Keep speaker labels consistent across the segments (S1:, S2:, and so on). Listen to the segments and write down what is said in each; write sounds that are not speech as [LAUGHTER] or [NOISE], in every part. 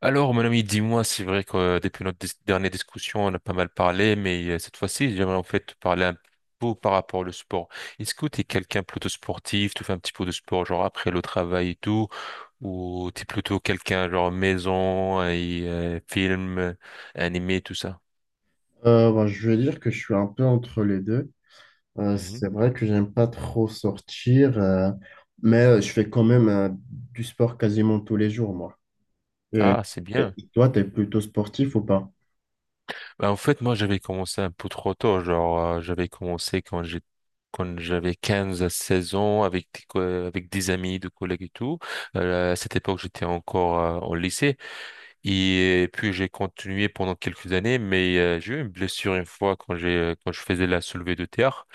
S1: Alors, mon ami, dis-moi, c'est vrai que depuis notre dernière discussion, on a pas mal parlé, mais cette fois-ci, j'aimerais en fait te parler un peu par rapport au sport. Est-ce que tu es quelqu'un plutôt sportif, tu fais un petit peu de sport, genre après le travail et tout, ou tu es plutôt quelqu'un genre maison et film, animé, tout ça?
S2: Bah, je vais dire que je suis un peu entre les deux.
S1: Mhm.
S2: C'est vrai que j'aime pas trop sortir, mais je fais quand même du sport quasiment tous les jours, moi. Et,
S1: Ah, c'est
S2: et
S1: bien.
S2: toi, tu es plutôt sportif ou pas?
S1: Bah, en fait, moi, j'avais commencé un peu trop tôt. Genre, j'avais commencé quand j'avais 15 à 16 ans avec avec des amis, des collègues et tout. À cette époque, j'étais encore au lycée. Et puis, j'ai continué pendant quelques années, mais j'ai eu une blessure une fois quand je faisais la soulevée de terre.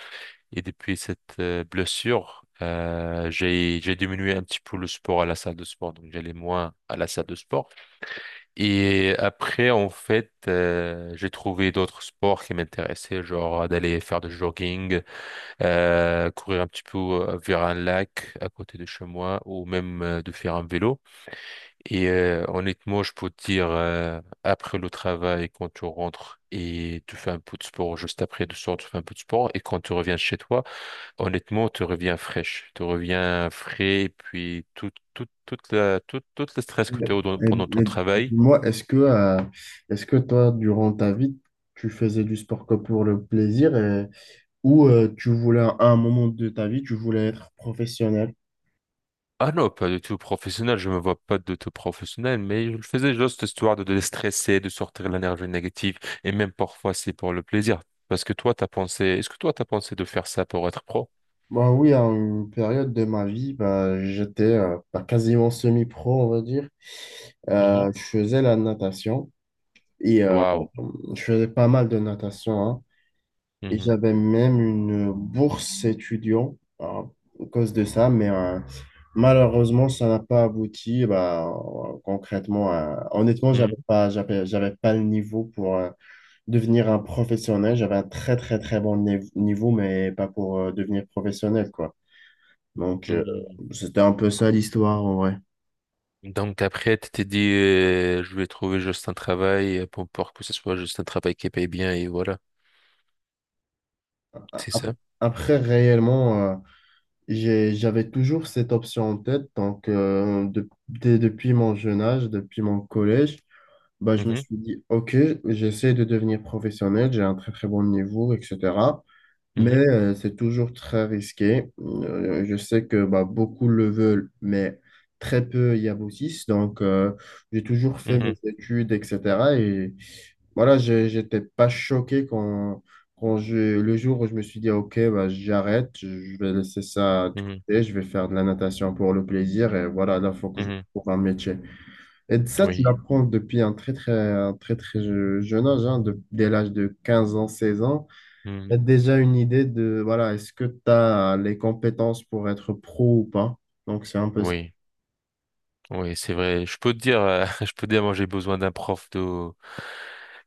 S1: Et depuis cette blessure, j'ai diminué un petit peu le sport à la salle de sport. Donc, j'allais moins à la salle de sport. Et après, en fait, j'ai trouvé d'autres sports qui m'intéressaient, genre d'aller faire du jogging, courir un petit peu vers un lac à côté de chez moi, ou même de faire un vélo. Et honnêtement, je peux te dire, après le travail, quand tu rentres et tu fais un peu de sport, juste après de soir, tu fais un peu de sport, et quand tu reviens chez toi, honnêtement, tu reviens fraîche, tu reviens frais, et puis tout, tout, toute la, tout, tout le stress que
S2: Ouais.
S1: tu as eu
S2: Et,
S1: pendant ton
S2: et
S1: travail.
S2: moi, est-ce que toi, durant ta vie, tu faisais du sport que pour le plaisir ou tu voulais, à un moment de ta vie, tu voulais être professionnel?
S1: Ah non, pas du tout professionnel, je me vois pas du tout professionnel, mais je le faisais juste histoire de déstresser, de sortir l'énergie négative, et même parfois c'est pour le plaisir. Parce que toi, t'as pensé, est-ce que toi, t'as pensé de faire ça pour être pro?
S2: Bah oui, à une période de ma vie, bah, j'étais bah, quasiment semi-pro, on va dire.
S1: Mhm.
S2: Je faisais la natation et
S1: Waouh.
S2: je faisais pas mal de natation, hein. Et
S1: Mhm.
S2: j'avais même une bourse étudiant à cause de ça, mais malheureusement, ça n'a pas abouti. Bah, concrètement, honnêtement, j'avais
S1: Mhm.
S2: pas, j'avais, j'avais pas le niveau pour devenir un professionnel. J'avais un très, très, très bon niveau, mais pas pour devenir professionnel, quoi. Donc,
S1: Mhm.
S2: c'était un peu ça l'histoire en vrai.
S1: Donc après, tu t'es dit, je vais trouver juste un travail pour que ce soit juste un travail qui paye bien, et voilà, c'est ça?
S2: Après, réellement, j'avais toujours cette option en tête. Donc, depuis mon jeune âge, depuis mon collège, bah, je me
S1: Mhm.
S2: suis dit, OK, j'essaie de devenir professionnel, j'ai un très très bon niveau, etc. Mais
S1: Mhm.
S2: c'est toujours très risqué. Je sais que bah, beaucoup le veulent, mais très peu y aboutissent. Donc, j'ai toujours fait mes
S1: Mhm.
S2: études, etc. Et voilà, je n'étais pas choqué quand, le jour où je me suis dit, OK, bah, j'arrête, je vais laisser ça de
S1: Mhm.
S2: côté, je vais faire de la natation pour le plaisir et voilà, là, il faut que je
S1: Mhm.
S2: trouve un métier. Et ça, tu
S1: Oui.
S2: l'apprends depuis un très, très jeune âge, hein, dès l'âge de 15 ans, 16 ans. Tu
S1: Mhm.
S2: as déjà une idée de, voilà, est-ce que tu as les compétences pour être pro ou pas? Donc, c'est un peu ça.
S1: Oui. Oui, c'est vrai. Je peux te dire, [LAUGHS] je peux te dire, moi j'ai besoin d'un prof de,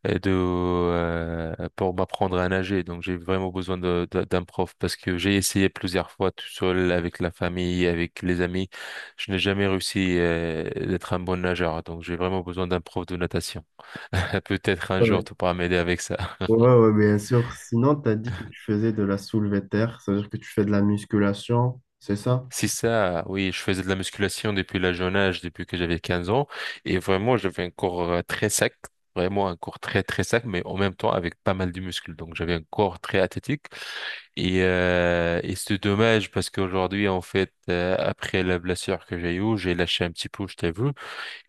S1: pour m'apprendre à nager. Donc j'ai vraiment besoin d'un prof parce que j'ai essayé plusieurs fois tout seul avec la famille, avec les amis. Je n'ai jamais réussi d'être un bon nageur. Donc j'ai vraiment besoin d'un prof de natation. [LAUGHS] Peut-être un jour tu pourras m'aider avec ça.
S2: Ouais, ouais, bien sûr. Sinon, tu as dit que tu faisais de la soulevée de terre, c'est-à-dire que tu fais de la musculation, c'est ça?
S1: C'est ça, oui, je faisais de la musculation depuis la jeune âge, depuis que j'avais 15 ans, et vraiment, j'avais un corps très sec, vraiment un corps très très sec, mais en même temps avec pas mal de muscles, donc j'avais un corps très athlétique, et c'est dommage parce qu'aujourd'hui, en fait, après la blessure que j'ai eue, j'ai lâché un petit peu, je t'avoue,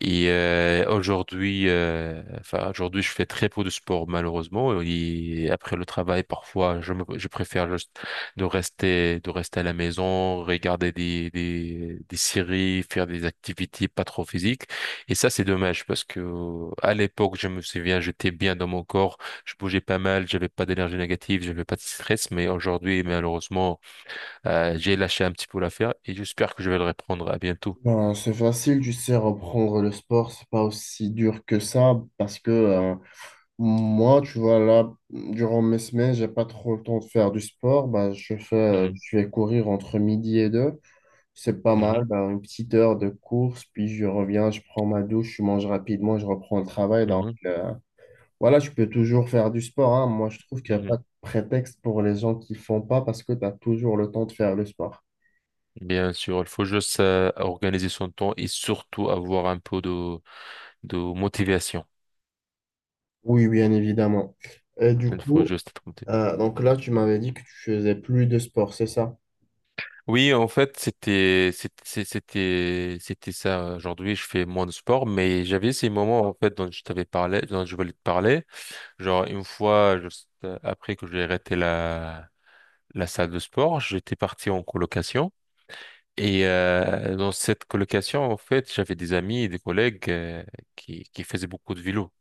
S1: et aujourd'hui, enfin aujourd'hui, je fais très peu de sport malheureusement. Et après le travail, parfois, je préfère juste de rester à la maison, regarder des séries, faire des activités pas trop physiques. Et ça, c'est dommage parce que à l'époque, je me souviens, j'étais bien dans mon corps, je bougeais pas mal, j'avais pas d'énergie négative, j'avais pas de stress. Mais aujourd'hui, malheureusement, j'ai lâché un petit peu l'affaire et j'espère que je vais le reprendre à bientôt.
S2: Ben, c'est facile, tu sais, reprendre le sport, c'est pas aussi dur que ça, parce que moi, tu vois, là, durant mes semaines, j'ai pas trop le temps de faire du sport, ben,
S1: Mhm.
S2: je vais courir entre midi et deux, c'est pas mal,
S1: Mhm.
S2: ben, une petite heure de course, puis je reviens, je prends ma douche, je mange rapidement, je reprends le travail, donc
S1: Mhm.
S2: voilà, tu peux toujours faire du sport, hein. Moi, je trouve qu'il n'y a
S1: Mhm.
S2: pas de prétexte pour les gens qui font pas parce que tu as toujours le temps de faire le sport.
S1: Bien sûr, il faut juste organiser son temps et surtout avoir un peu de motivation.
S2: Oui, bien évidemment. Et du
S1: Il faut
S2: coup,
S1: juste être motivé.
S2: donc là, tu m'avais dit que tu faisais plus de sport, c'est ça?
S1: Oui, en fait, c'était ça. Aujourd'hui, je fais moins de sport, mais j'avais ces moments en fait dont je t'avais parlé, dont je voulais te parler. Genre une fois, juste après que j'ai arrêté la salle de sport, j'étais parti en colocation. Et dans cette colocation, en fait, j'avais des amis et des collègues qui faisaient beaucoup de vélo.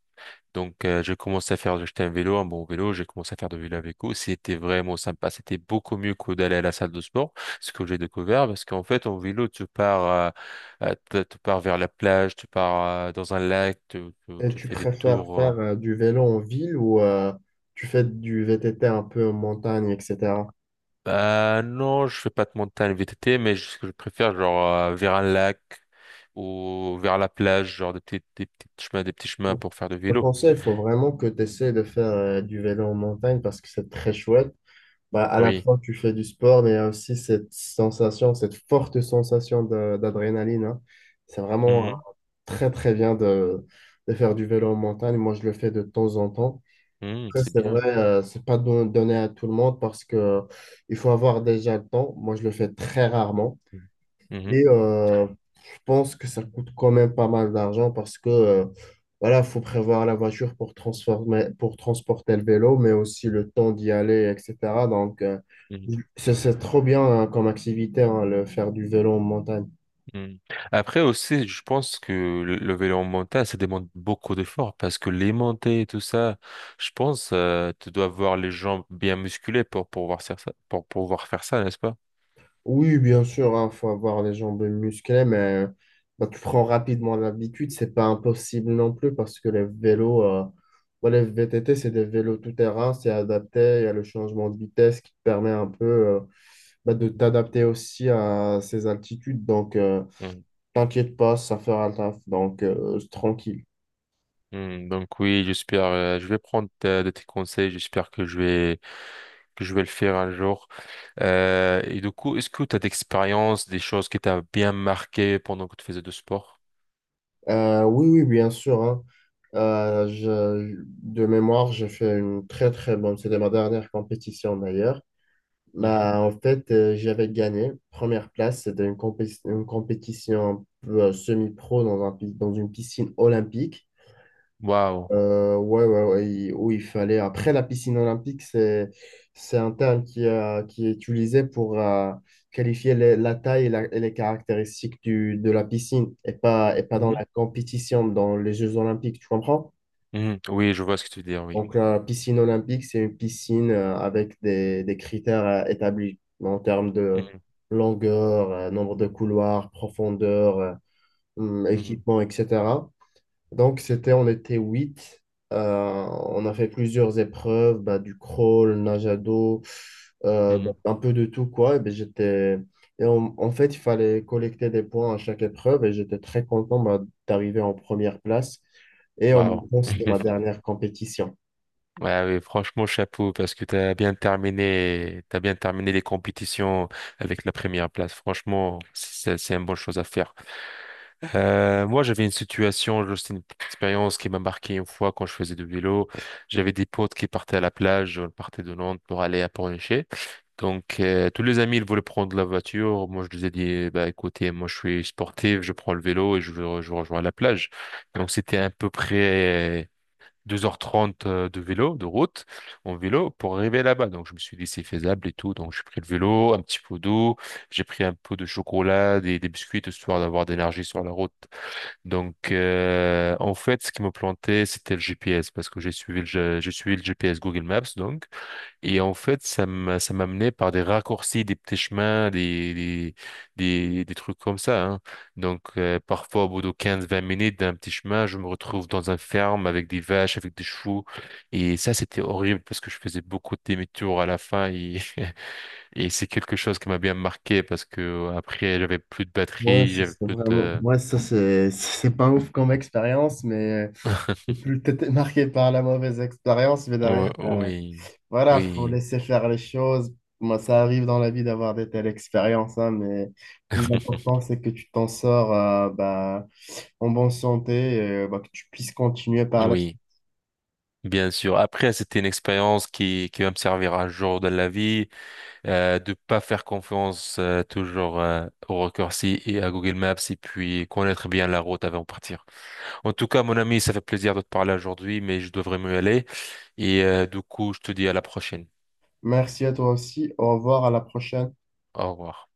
S1: Donc, j'ai commencé à faire, j'ai acheté un vélo, un bon vélo, j'ai commencé à faire de vélo avec vélo. C'était vraiment sympa. C'était beaucoup mieux que d'aller à la salle de sport, ce que j'ai découvert, parce qu'en fait, en vélo, tu pars vers la plage, tu pars, dans un lac,
S2: Et
S1: tu
S2: tu
S1: fais des
S2: préfères
S1: tours.
S2: faire du vélo en ville ou tu fais du VTT un peu en montagne, etc.
S1: Bah, non, je fais pas de montagne VTT, mais ce que je préfère, genre, vers un lac ou vers la plage, genre des petits chemins
S2: Bon.
S1: pour faire de
S2: Je te
S1: vélo.
S2: conseille, il faut vraiment que tu essaies de faire du vélo en montagne parce que c'est très chouette. Bah, à la
S1: Oui.
S2: fois, tu fais du sport, mais il y a aussi cette sensation, cette forte sensation d'adrénaline, hein. C'est vraiment
S1: Mhm.
S2: très, très bien de faire du vélo en montagne. Moi, je le fais de temps en temps.
S1: Mhm,
S2: Après,
S1: c'est
S2: c'est
S1: bien.
S2: vrai, c'est pas donné à tout le monde parce que il faut avoir déjà le temps. Moi, je le fais très rarement.
S1: Mhm.
S2: Et je pense que ça coûte quand même pas mal d'argent parce que voilà, faut prévoir la voiture pour pour transporter le vélo, mais aussi le temps d'y aller, etc. Donc,
S1: Mhm.
S2: c'est trop bien hein, comme activité, hein, le faire du vélo en montagne.
S1: Hmm. Après aussi, je pense que le vélo en montagne, ça demande beaucoup d'efforts parce que les montées et tout ça, je pense, tu dois avoir les jambes bien musculées pour pouvoir faire ça, pour pouvoir faire ça, n'est-ce pas?
S2: Oui, bien sûr, il faut avoir les jambes musclées, mais bah, tu prends rapidement l'habitude. C'est pas impossible non plus parce que les vélos, bah, les VTT, c'est des vélos tout-terrain, c'est adapté. Il y a le changement de vitesse qui te permet un peu, bah, de
S1: Mhm.
S2: t'adapter aussi à ces altitudes. Donc,
S1: Hmm.
S2: t'inquiète pas, ça fera le taf. Donc, tranquille.
S1: Hmm, donc oui, j'espère, je vais prendre de tes conseils, j'espère que je vais le faire un jour. Et du coup, est-ce que tu as d'expérience, des choses qui t'ont bien marqué pendant que tu faisais du sport?
S2: Oui, oui, bien sûr, hein. Euh, je- de mémoire, j'ai fait une très, très bonne. C'était ma dernière compétition d'ailleurs.
S1: Mhm.
S2: Bah, en fait, j'avais gagné. Première place, c'était une compétition un peu, semi-pro dans dans une piscine olympique.
S1: Waouh.
S2: Ouais, ouais, ouais, où il fallait. Après, la piscine olympique, c'est un terme qui est utilisé pour qualifier la taille et, et les caractéristiques de la piscine et pas dans
S1: Mhm.
S2: la compétition, dans les Jeux olympiques, tu comprends?
S1: Mhm. Oui, je vois ce que tu veux dire, oui.
S2: Donc, la piscine olympique, c'est une piscine avec des critères établis en termes de
S1: Mhm.
S2: longueur, nombre de couloirs, profondeur,
S1: Mhm.
S2: équipement, etc. Donc, c'était, on était huit. On a fait plusieurs épreuves, bah, du crawl, nage à dos, bah,
S1: Mhm.
S2: un peu de tout, quoi. Et ben, en fait, il fallait collecter des points à chaque épreuve et j'étais très content bah, d'arriver en première place. Et en même
S1: Waouh.
S2: temps, c'était ma
S1: [LAUGHS]
S2: dernière compétition.
S1: Ouais, oui, franchement, chapeau, parce que t'as bien terminé les compétitions avec la première place. Franchement, c'est une bonne chose à faire. Moi, j'avais une situation, juste une petite expérience qui m'a marqué une fois quand je faisais du vélo. J'avais des potes qui partaient à la plage, on partait de Nantes pour aller à Pornichet. Donc, tous les amis, ils voulaient prendre la voiture. Moi, je les ai dit, bah, écoutez, moi, je suis sportif, je prends le vélo et je rejoins la plage. Donc, c'était à peu près 2h30 de vélo, de route, en vélo, pour arriver là-bas. Donc, je me suis dit, c'est faisable et tout. Donc, j'ai pris le vélo, un petit pot d'eau, j'ai pris un pot de chocolat, des biscuits, histoire d'avoir de l'énergie sur la route. Donc, en fait, ce qui me plantait, c'était le GPS, parce que j'ai suivi j'ai suivi le GPS Google Maps, donc. Et en fait, ça m'amenait par des raccourcis, des petits chemins, des trucs comme ça. Hein. Donc, parfois, au bout de 15 20 minutes d'un petit chemin, je me retrouve dans un ferme avec des vaches, avec des chevaux. Et ça, c'était horrible parce que je faisais beaucoup de demi-tours à la fin. Et, [LAUGHS] et c'est quelque chose qui m'a bien marqué parce que après, j'avais plus de
S2: Ouais,
S1: batterie,
S2: ça,
S1: j'avais plus de...
S2: ouais, ça, c'est pas ouf comme expérience, mais t'étais marqué par la mauvaise expérience, mais derrière.
S1: [LAUGHS] Oui,
S2: Voilà, faut
S1: oui,
S2: laisser faire les choses. Moi, ça arrive dans la vie d'avoir des telles expériences, hein, mais le plus important,
S1: [LAUGHS]
S2: c'est que tu t'en sors bah, en bonne santé et bah, que tu puisses continuer par la suite.
S1: oui. Bien sûr. Après, c'était une expérience qui va me servir un jour dans la vie, de pas faire confiance toujours au raccourci et à Google Maps et puis connaître bien la route avant de partir. En tout cas, mon ami, ça fait plaisir de te parler aujourd'hui, mais je devrais me aller. Et du coup, je te dis à la prochaine.
S2: Merci à toi aussi. Au revoir, à la prochaine.
S1: Au revoir.